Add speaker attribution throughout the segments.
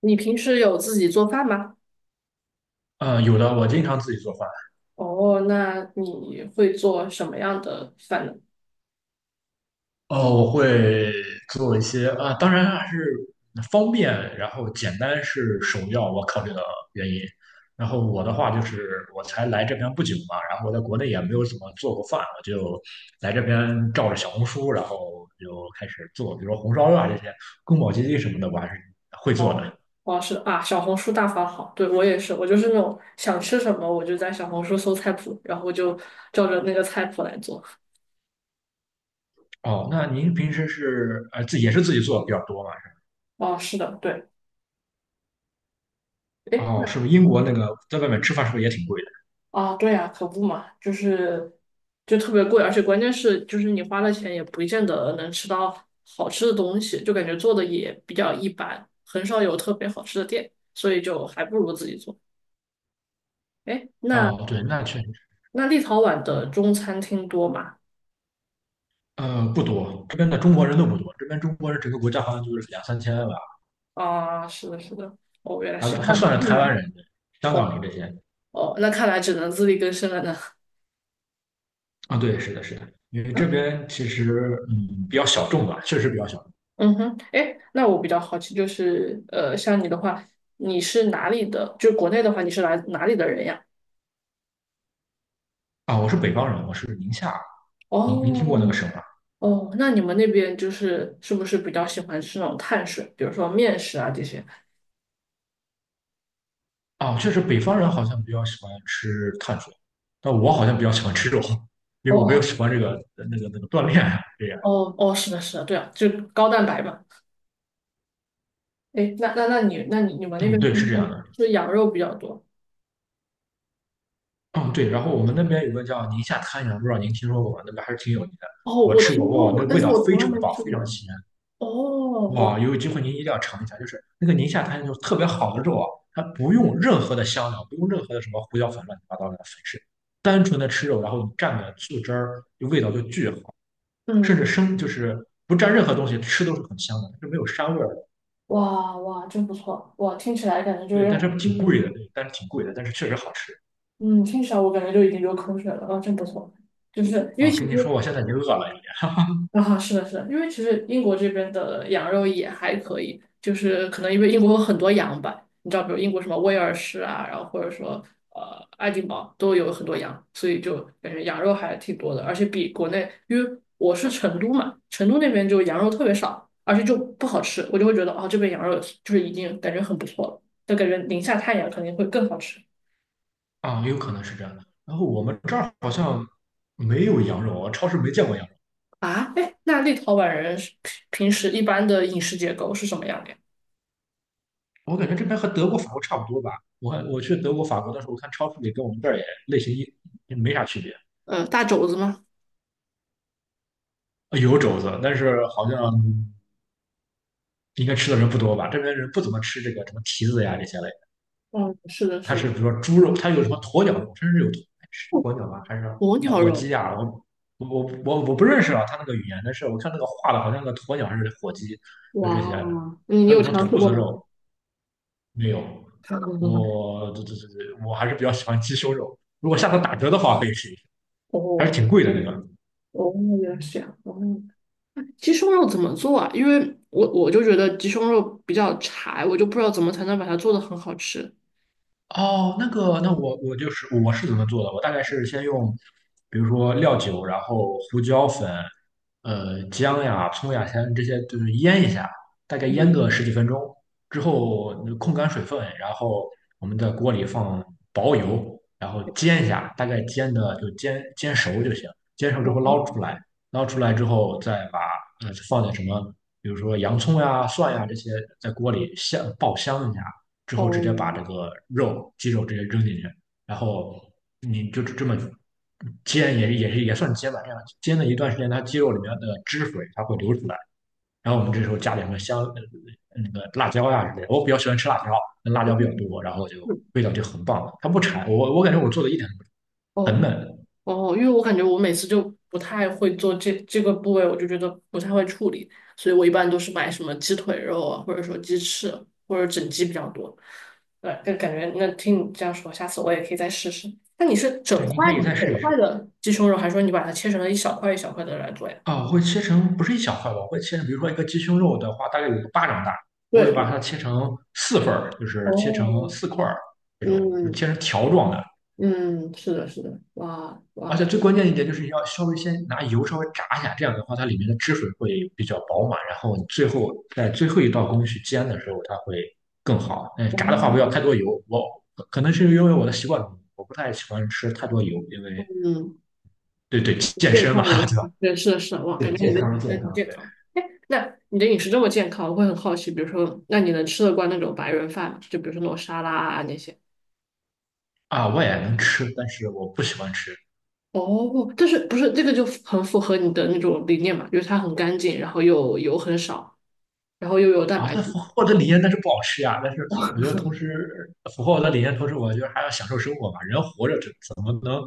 Speaker 1: 你平时有自己做饭吗？
Speaker 2: 有的，我经常自己做饭。
Speaker 1: 哦，那你会做什么样的饭呢？
Speaker 2: 哦，我会做一些啊、当然还是方便，然后简单是首要我考虑的原因。然后我的话就是，我才来这边不久嘛，然后我在国内也没有怎么做过饭，我就来这边照着小红书，然后就开始做，比如说红烧肉啊这些，宫保鸡丁什么的，我还是会做
Speaker 1: 哦，
Speaker 2: 的。
Speaker 1: 哦，是啊，小红书大法好，对，我也是，我就是那种想吃什么，我就在小红书搜菜谱，然后就照着那个菜谱来做。
Speaker 2: 哦，那您平时是自己也是自己做的比较多嘛？是吧？
Speaker 1: 哦，是的，对，诶，
Speaker 2: 哦，是不是英国那个在外面吃饭是不是也挺贵的？
Speaker 1: 啊，对呀，可不嘛，就特别贵，而且关键是就是你花了钱也不见得能吃到好吃的东西，就感觉做的也比较一般，很少有特别好吃的店，所以就还不如自己做。哎，那
Speaker 2: 哦，对，那确实。
Speaker 1: 那立陶宛的中餐厅多吗？
Speaker 2: 不多，这边的中国人都不多，这边中国人整个国家好像就是2~3千吧，
Speaker 1: 啊，是的，是的。哦，原来
Speaker 2: 还
Speaker 1: 是这样。
Speaker 2: 算是台
Speaker 1: 嗯，
Speaker 2: 湾人、香
Speaker 1: 哦
Speaker 2: 港人这些。
Speaker 1: 哦，那看来只能自力更生了呢。
Speaker 2: 啊，对，是的，是的，因为这
Speaker 1: 嗯
Speaker 2: 边其实比较小众吧，确实比较小众
Speaker 1: 嗯哼，哎，那我比较好奇，像你的话，你是哪里的？就国内的话，你是来哪里的人呀？
Speaker 2: 啊。我是北方人，我是宁夏，您听过那
Speaker 1: 哦
Speaker 2: 个省吗？
Speaker 1: 哦，那你们那边就是是不是比较喜欢吃那种碳水，比如说面食啊这些？
Speaker 2: 啊，确实北方人好像比较喜欢吃碳水，但我好像比较喜欢吃肉，因
Speaker 1: 哦
Speaker 2: 为我比较
Speaker 1: 哦
Speaker 2: 喜欢这个那个锻炼啊这样。
Speaker 1: 哦哦，是的，是的，对啊，就高蛋白嘛。哎，那你们那
Speaker 2: 嗯，
Speaker 1: 边是
Speaker 2: 对，是这
Speaker 1: 不
Speaker 2: 样
Speaker 1: 是
Speaker 2: 的。
Speaker 1: 是羊肉比较多？
Speaker 2: 嗯，对，然后我们那边有个叫宁夏滩羊不知道您听说过吗？那边还是挺有名的。
Speaker 1: 哦，
Speaker 2: 我
Speaker 1: 我
Speaker 2: 吃过，
Speaker 1: 听说
Speaker 2: 哇，
Speaker 1: 过，
Speaker 2: 那个
Speaker 1: 但
Speaker 2: 味
Speaker 1: 是
Speaker 2: 道
Speaker 1: 我
Speaker 2: 非
Speaker 1: 从来
Speaker 2: 常
Speaker 1: 没
Speaker 2: 棒，
Speaker 1: 吃
Speaker 2: 非常
Speaker 1: 过。
Speaker 2: 鲜。
Speaker 1: 哦，哇，
Speaker 2: 哇，有机会您一定要尝一下，就是那个宁夏滩就是特别好的肉啊，它不用任何的香料，不用任何的什么胡椒粉、乱七八糟的粉饰，单纯的吃肉，然后你蘸点醋汁儿，就味道就巨好，甚至
Speaker 1: 嗯，
Speaker 2: 生就是不蘸任何东西吃都是很香的，就没有膻味儿的。
Speaker 1: 哇哇，真不错，哇，听起来感觉就是
Speaker 2: 对，
Speaker 1: 让
Speaker 2: 但
Speaker 1: 我，
Speaker 2: 是挺贵的，对但是挺贵的，但是确实好吃
Speaker 1: 嗯，听起来我感觉就已经流口水了，啊，真不错，就是因为
Speaker 2: 啊。
Speaker 1: 其实
Speaker 2: 跟您说，我现在已经饿了，有点。
Speaker 1: 啊，是的，是的，因为其实英国这边的羊肉也还可以，就是可能因为英国有很多羊吧，你知道，比如英国什么威尔士啊，然后或者说爱丁堡都有很多羊，所以就感觉羊肉还挺多的，而且比国内，因为我是成都嘛，成都那边就羊肉特别少，而且就不好吃，我就会觉得哦，这边羊肉就是已经感觉很不错了，就感觉宁夏太阳肯定会更好吃
Speaker 2: 啊，有可能是这样的。然后我们这儿好像没有羊肉，我超市没见过羊肉。
Speaker 1: 啊。哎，那立陶宛人是平时一般的饮食结构是什么样的呀？
Speaker 2: 我感觉这边和德国、法国差不多吧。我去德国、法国的时候，我看超市里跟我们这儿也类型一也没啥区别，
Speaker 1: 大肘子吗？
Speaker 2: 有肘子，但是好像应该吃的人不多吧。这边人不怎么吃这个什么蹄子呀这些类的，
Speaker 1: 嗯，是的，
Speaker 2: 它
Speaker 1: 是
Speaker 2: 是
Speaker 1: 的，
Speaker 2: 比如说猪肉，它有什么鸵鸟肉，甚至有
Speaker 1: 哦，
Speaker 2: 鸵鸟吧，还是
Speaker 1: 鸵鸟
Speaker 2: 火鸡
Speaker 1: 肉，
Speaker 2: 呀？我不认识啊，它那个语言，但是我看那个画的好像个鸵鸟还是火鸡，就这些。
Speaker 1: 哇，你
Speaker 2: 还有
Speaker 1: 有
Speaker 2: 什么
Speaker 1: 尝试
Speaker 2: 兔
Speaker 1: 过
Speaker 2: 子
Speaker 1: 吗？
Speaker 2: 肉没有？
Speaker 1: 尝试过
Speaker 2: 我这这这这，我还是比较喜欢鸡胸肉。如果下次 打折的话，可以试一试，还是
Speaker 1: 哦
Speaker 2: 挺贵的那个。
Speaker 1: 哦，原来是这样。哦，鸡胸肉怎么做啊？因为我就觉得鸡胸肉比较柴，我就不知道怎么才能把它做的很好吃。
Speaker 2: 哦，那个，那我我就是我是怎么做的？我大概是先用，比如说料酒，然后胡椒粉，姜呀、葱呀，先这些就是腌一下，大概腌
Speaker 1: 嗯，
Speaker 2: 个10几分钟之后，控干水分，然后我们在锅里放薄油，然后煎一下，大概煎的就煎熟就行。煎熟之后
Speaker 1: 哦，
Speaker 2: 捞出来，捞出来之后再把放点什么，比如说洋葱呀、蒜呀这些在锅里爆香一下。之后直接把
Speaker 1: 嗯。
Speaker 2: 这个肉、鸡肉直接扔进去，然后你就这么煎，也算煎吧，这样煎了一段时间，它鸡肉里面的汁水它会流出来，然后我们这时候加点个香，那个辣椒呀之类的，我比较喜欢吃辣椒，那辣椒比较多，然后就味道就很棒，它不柴，我感觉我做的一点都不柴很
Speaker 1: 哦
Speaker 2: 嫩，
Speaker 1: 哦，因为我感觉我每次就不太会做这个部位，我就觉得不太会处理，所以我一般都是买什么鸡腿肉啊，或者说鸡翅或者整鸡比较多。对，就感觉那听你这样说，下次我也可以再试试。那你是
Speaker 2: 对，你可以再
Speaker 1: 整
Speaker 2: 试一
Speaker 1: 块
Speaker 2: 试。
Speaker 1: 的鸡胸肉，还是说你把它切成了一小块一小块的来做呀？
Speaker 2: 啊，我会切成不是一小块吧，我会切成，比如说一个鸡胸肉的话，大概有个巴掌大，我会
Speaker 1: 对
Speaker 2: 把
Speaker 1: 对，
Speaker 2: 它切成4份儿，就是切成
Speaker 1: 哦，
Speaker 2: 4块儿这种，就是切
Speaker 1: 嗯
Speaker 2: 成条状的。
Speaker 1: 嗯，是的，是的，哇
Speaker 2: 而且
Speaker 1: 哇，
Speaker 2: 最关键一点就是要稍微先拿油稍微炸一下，这样的话它里面的汁水会比较饱满，然后你最后在最后一道工序煎的时候它会更好。嗯，
Speaker 1: 哦，
Speaker 2: 炸的话不要太多油，我可能是因为我的习惯，我不太喜欢吃太多油，因为
Speaker 1: 嗯。
Speaker 2: 对健
Speaker 1: 健
Speaker 2: 身嘛，
Speaker 1: 康人 人
Speaker 2: 对吧？
Speaker 1: 士对是的是的，哇，
Speaker 2: 对
Speaker 1: 感觉你
Speaker 2: 健
Speaker 1: 的
Speaker 2: 康。
Speaker 1: 饮食还挺健
Speaker 2: 对。
Speaker 1: 康。哎，那你的饮食这么健康，我会很好奇，比如说，那你能吃得惯那种白人饭吗？就比如说那种沙拉啊那些。
Speaker 2: 啊，我也能吃，但是我不喜欢吃
Speaker 1: 哦，但是不是这个就很符合你的那种理念嘛？就是它很干净，然后又油很少，然后又有蛋
Speaker 2: 啊。
Speaker 1: 白
Speaker 2: 但
Speaker 1: 质。
Speaker 2: 符合我的理念，但是不好吃呀。但是我觉得同时符合我的理念，同时我觉得还要享受生活嘛。人活着怎么能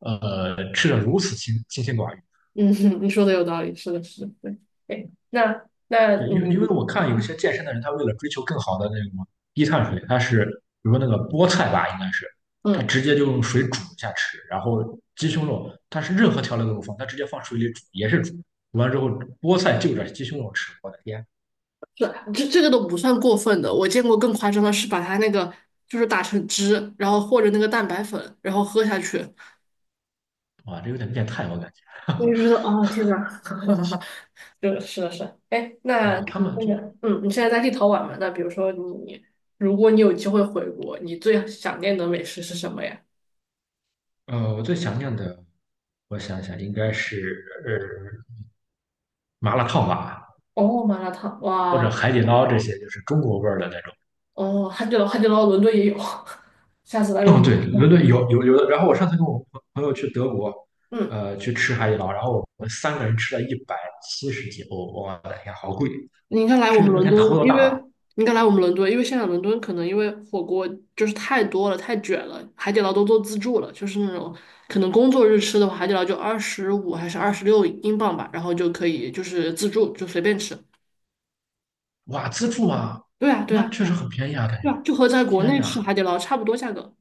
Speaker 2: 吃的如此清心寡欲？
Speaker 1: 嗯，你说的有道理，是的，是的，对。哎，那那
Speaker 2: 对，
Speaker 1: 你。
Speaker 2: 因为我看有些健身的人，他为了追求更好的那种低碳水，他是比如说那个菠菜吧，应该是他
Speaker 1: 嗯，
Speaker 2: 直接就用水煮一下吃，然后鸡胸肉，他是任何调料都不放，他直接放水里煮也是煮，煮完之后菠菜就着鸡胸肉吃，我的天
Speaker 1: 是这个都不算过分的。我见过更夸张的是把它那个就是打成汁，然后和着那个蛋白粉，然后喝下去，
Speaker 2: 啊，这有点变态，我感觉。
Speaker 1: 我就觉得啊，天呐，就是是的是的，哎，那
Speaker 2: 哦，他
Speaker 1: 你
Speaker 2: 们
Speaker 1: 那
Speaker 2: 就，
Speaker 1: 个，嗯，你现在在立陶宛嘛？那比如说你，如果你有机会回国，你最想念的美食是什么呀？
Speaker 2: 我最想念的，我想想，应该是呃麻辣烫吧，
Speaker 1: 哦，麻辣烫，
Speaker 2: 或者
Speaker 1: 哇，
Speaker 2: 海底捞这些，就是中国味儿的那种。
Speaker 1: 哦，汉堡，汉堡捞，伦敦也有，下次来
Speaker 2: 哦，
Speaker 1: 伦
Speaker 2: 对，伦
Speaker 1: 敦，
Speaker 2: 敦有的。然后我上次跟我朋友去德国，
Speaker 1: 嗯。
Speaker 2: 去吃海底捞，然后我们3个人吃了170几欧，我的天，好贵！
Speaker 1: 你应该来我
Speaker 2: 吃
Speaker 1: 们
Speaker 2: 的那
Speaker 1: 伦
Speaker 2: 天头
Speaker 1: 敦，
Speaker 2: 都
Speaker 1: 因
Speaker 2: 大
Speaker 1: 为
Speaker 2: 了。
Speaker 1: 你应该来我们伦敦，因为现在伦敦可能因为火锅就是太多了，太卷了，海底捞都做自助了，就是那种可能工作日吃的话，海底捞就25还是26英镑吧，然后就可以就是自助就随便吃。
Speaker 2: 哇，自助啊，
Speaker 1: 对啊，对
Speaker 2: 那
Speaker 1: 啊，
Speaker 2: 确
Speaker 1: 对
Speaker 2: 实
Speaker 1: 啊，
Speaker 2: 很便宜啊，感觉。
Speaker 1: 对啊，就和在国
Speaker 2: 天
Speaker 1: 内吃
Speaker 2: 哪，
Speaker 1: 海底捞差不多价格。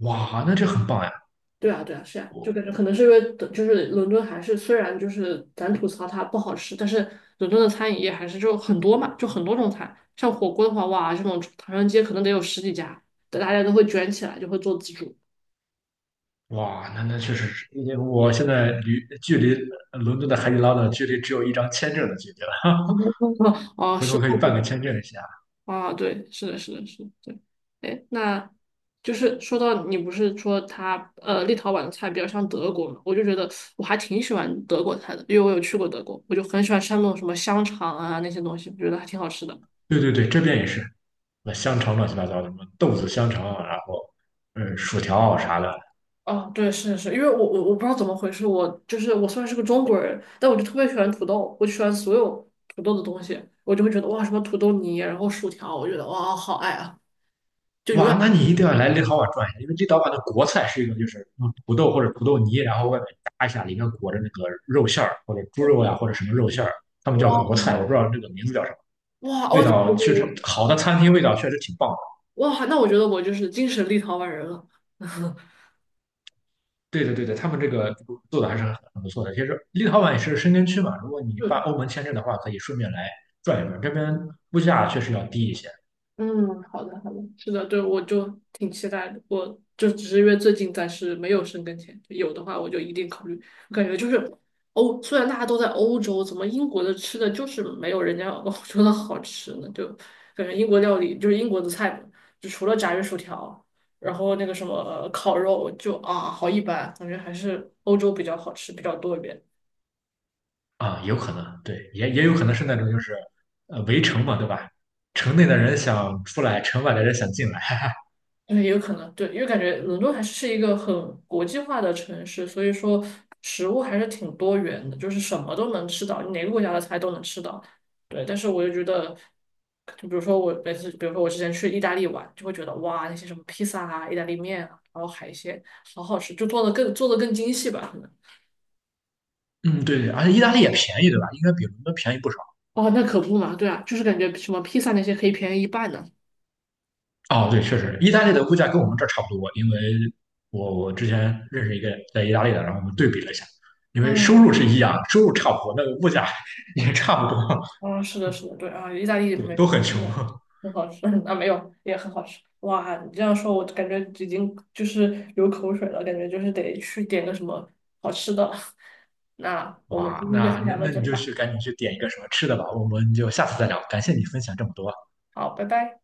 Speaker 2: 哇，那这很棒呀！
Speaker 1: 对啊，对啊，是啊，就感觉可能是因为等就是伦敦还是虽然就是咱吐槽它不好吃，但是伦敦的餐饮业还是就很多嘛，就很多种菜。像火锅的话，哇，这种唐人街可能得有十几家，大家都会卷起来，就会做自助。
Speaker 2: 哇，那那确实是，因为我现在离距离伦敦的海底捞的距离只有一张签证的距离了，
Speaker 1: 哦，
Speaker 2: 回
Speaker 1: 是
Speaker 2: 头可以
Speaker 1: 哦，
Speaker 2: 办个
Speaker 1: 对，
Speaker 2: 签证一下。
Speaker 1: 啊，对，是的，是的，是的，对。哎，那就是说到你不是说它立陶宛的菜比较像德国嘛，我就觉得我还挺喜欢德国菜的，因为我有去过德国，我就很喜欢吃那种什么香肠啊那些东西，我觉得还挺好吃的。
Speaker 2: 对，这边也是，那香肠乱七八糟的，什么豆子香肠啊然后嗯，薯条啊啥的。
Speaker 1: 哦，对，是是，因为我不知道怎么回事，我就是我虽然是个中国人，但我就特别喜欢土豆，我就喜欢所有土豆的东西，我就会觉得哇，什么土豆泥，然后薯条，我觉得哇，好爱啊！
Speaker 2: 哇，那你一定要来立陶宛转一下，因为立陶宛的国菜是一个就是用土豆或者土豆泥，然后外面炸一下，里面裹着那个肉馅儿或者猪肉呀、或者什么肉馅儿，他们叫国
Speaker 1: 哇
Speaker 2: 菜，我不知道这个名字叫什么。
Speaker 1: 哇
Speaker 2: 味
Speaker 1: 哦，那我觉
Speaker 2: 道确
Speaker 1: 得
Speaker 2: 实
Speaker 1: 我
Speaker 2: 好的餐厅味道确实挺棒。
Speaker 1: 哇，那我觉得我就是精神立陶宛人了。
Speaker 2: 对的，对的，他们这个做的还是很不错的。其实立陶宛也是申根区嘛，如果你办欧盟签证的话，可以顺便来转一转。这边物价确实要低一些
Speaker 1: 嗯，好的，好的，是的，对，我就挺期待的。我就只是因为最近暂时没有生根签，有的话我就一定考虑。我感觉就是欧，虽然大家都在欧洲，怎么英国的吃的就是没有人家欧洲的好吃呢？就感觉英国料理就是英国的菜嘛，就除了炸鱼薯条，然后那个什么烤肉，就啊好一般，感觉还是欧洲比较好吃，比较多一点。
Speaker 2: 啊，有可能，对，也有可能是那种就是围城嘛，对吧？城内的人想出来，城外的人想进来。
Speaker 1: 嗯，也有可能，对，因为感觉伦敦还是一个很国际化的城市，所以说食物还是挺多元的，就是什么都能吃到，你哪个国家的菜都能吃到。对，但是我就觉得，就比如说我每次，比如说我之前去意大利玩，就会觉得哇，那些什么披萨啊、意大利面啊，然后海鲜，好好吃，就做的更做的更精细吧，可能。
Speaker 2: 嗯，对对，而且意大利也便宜，对吧？应该比伦敦便宜不少。
Speaker 1: 哦，那可不嘛，对啊，就是感觉什么披萨那些可以便宜一半呢。
Speaker 2: 哦，对，确实，意大利的物价跟我们这儿差不多，因为我之前认识一个在意大利的，然后我们对比了一下，因为收
Speaker 1: 嗯。
Speaker 2: 入是一样，收入差不多，那个物价 也差不多。
Speaker 1: 嗯，是的，是的，对啊，意大利
Speaker 2: 对，
Speaker 1: 美食
Speaker 2: 都很
Speaker 1: 真
Speaker 2: 穷。
Speaker 1: 的 很好吃 啊，没有也很好吃。哇，你这样说，我感觉已经就是流口水了，感觉就是得去点个什么好吃的了。那我们今
Speaker 2: 哇，
Speaker 1: 天就先聊到
Speaker 2: 那
Speaker 1: 这
Speaker 2: 你
Speaker 1: 里
Speaker 2: 就
Speaker 1: 吧，
Speaker 2: 去赶紧去点一个什么吃的吧，我们就下次再聊。感谢你分享这么多。
Speaker 1: 好，拜拜。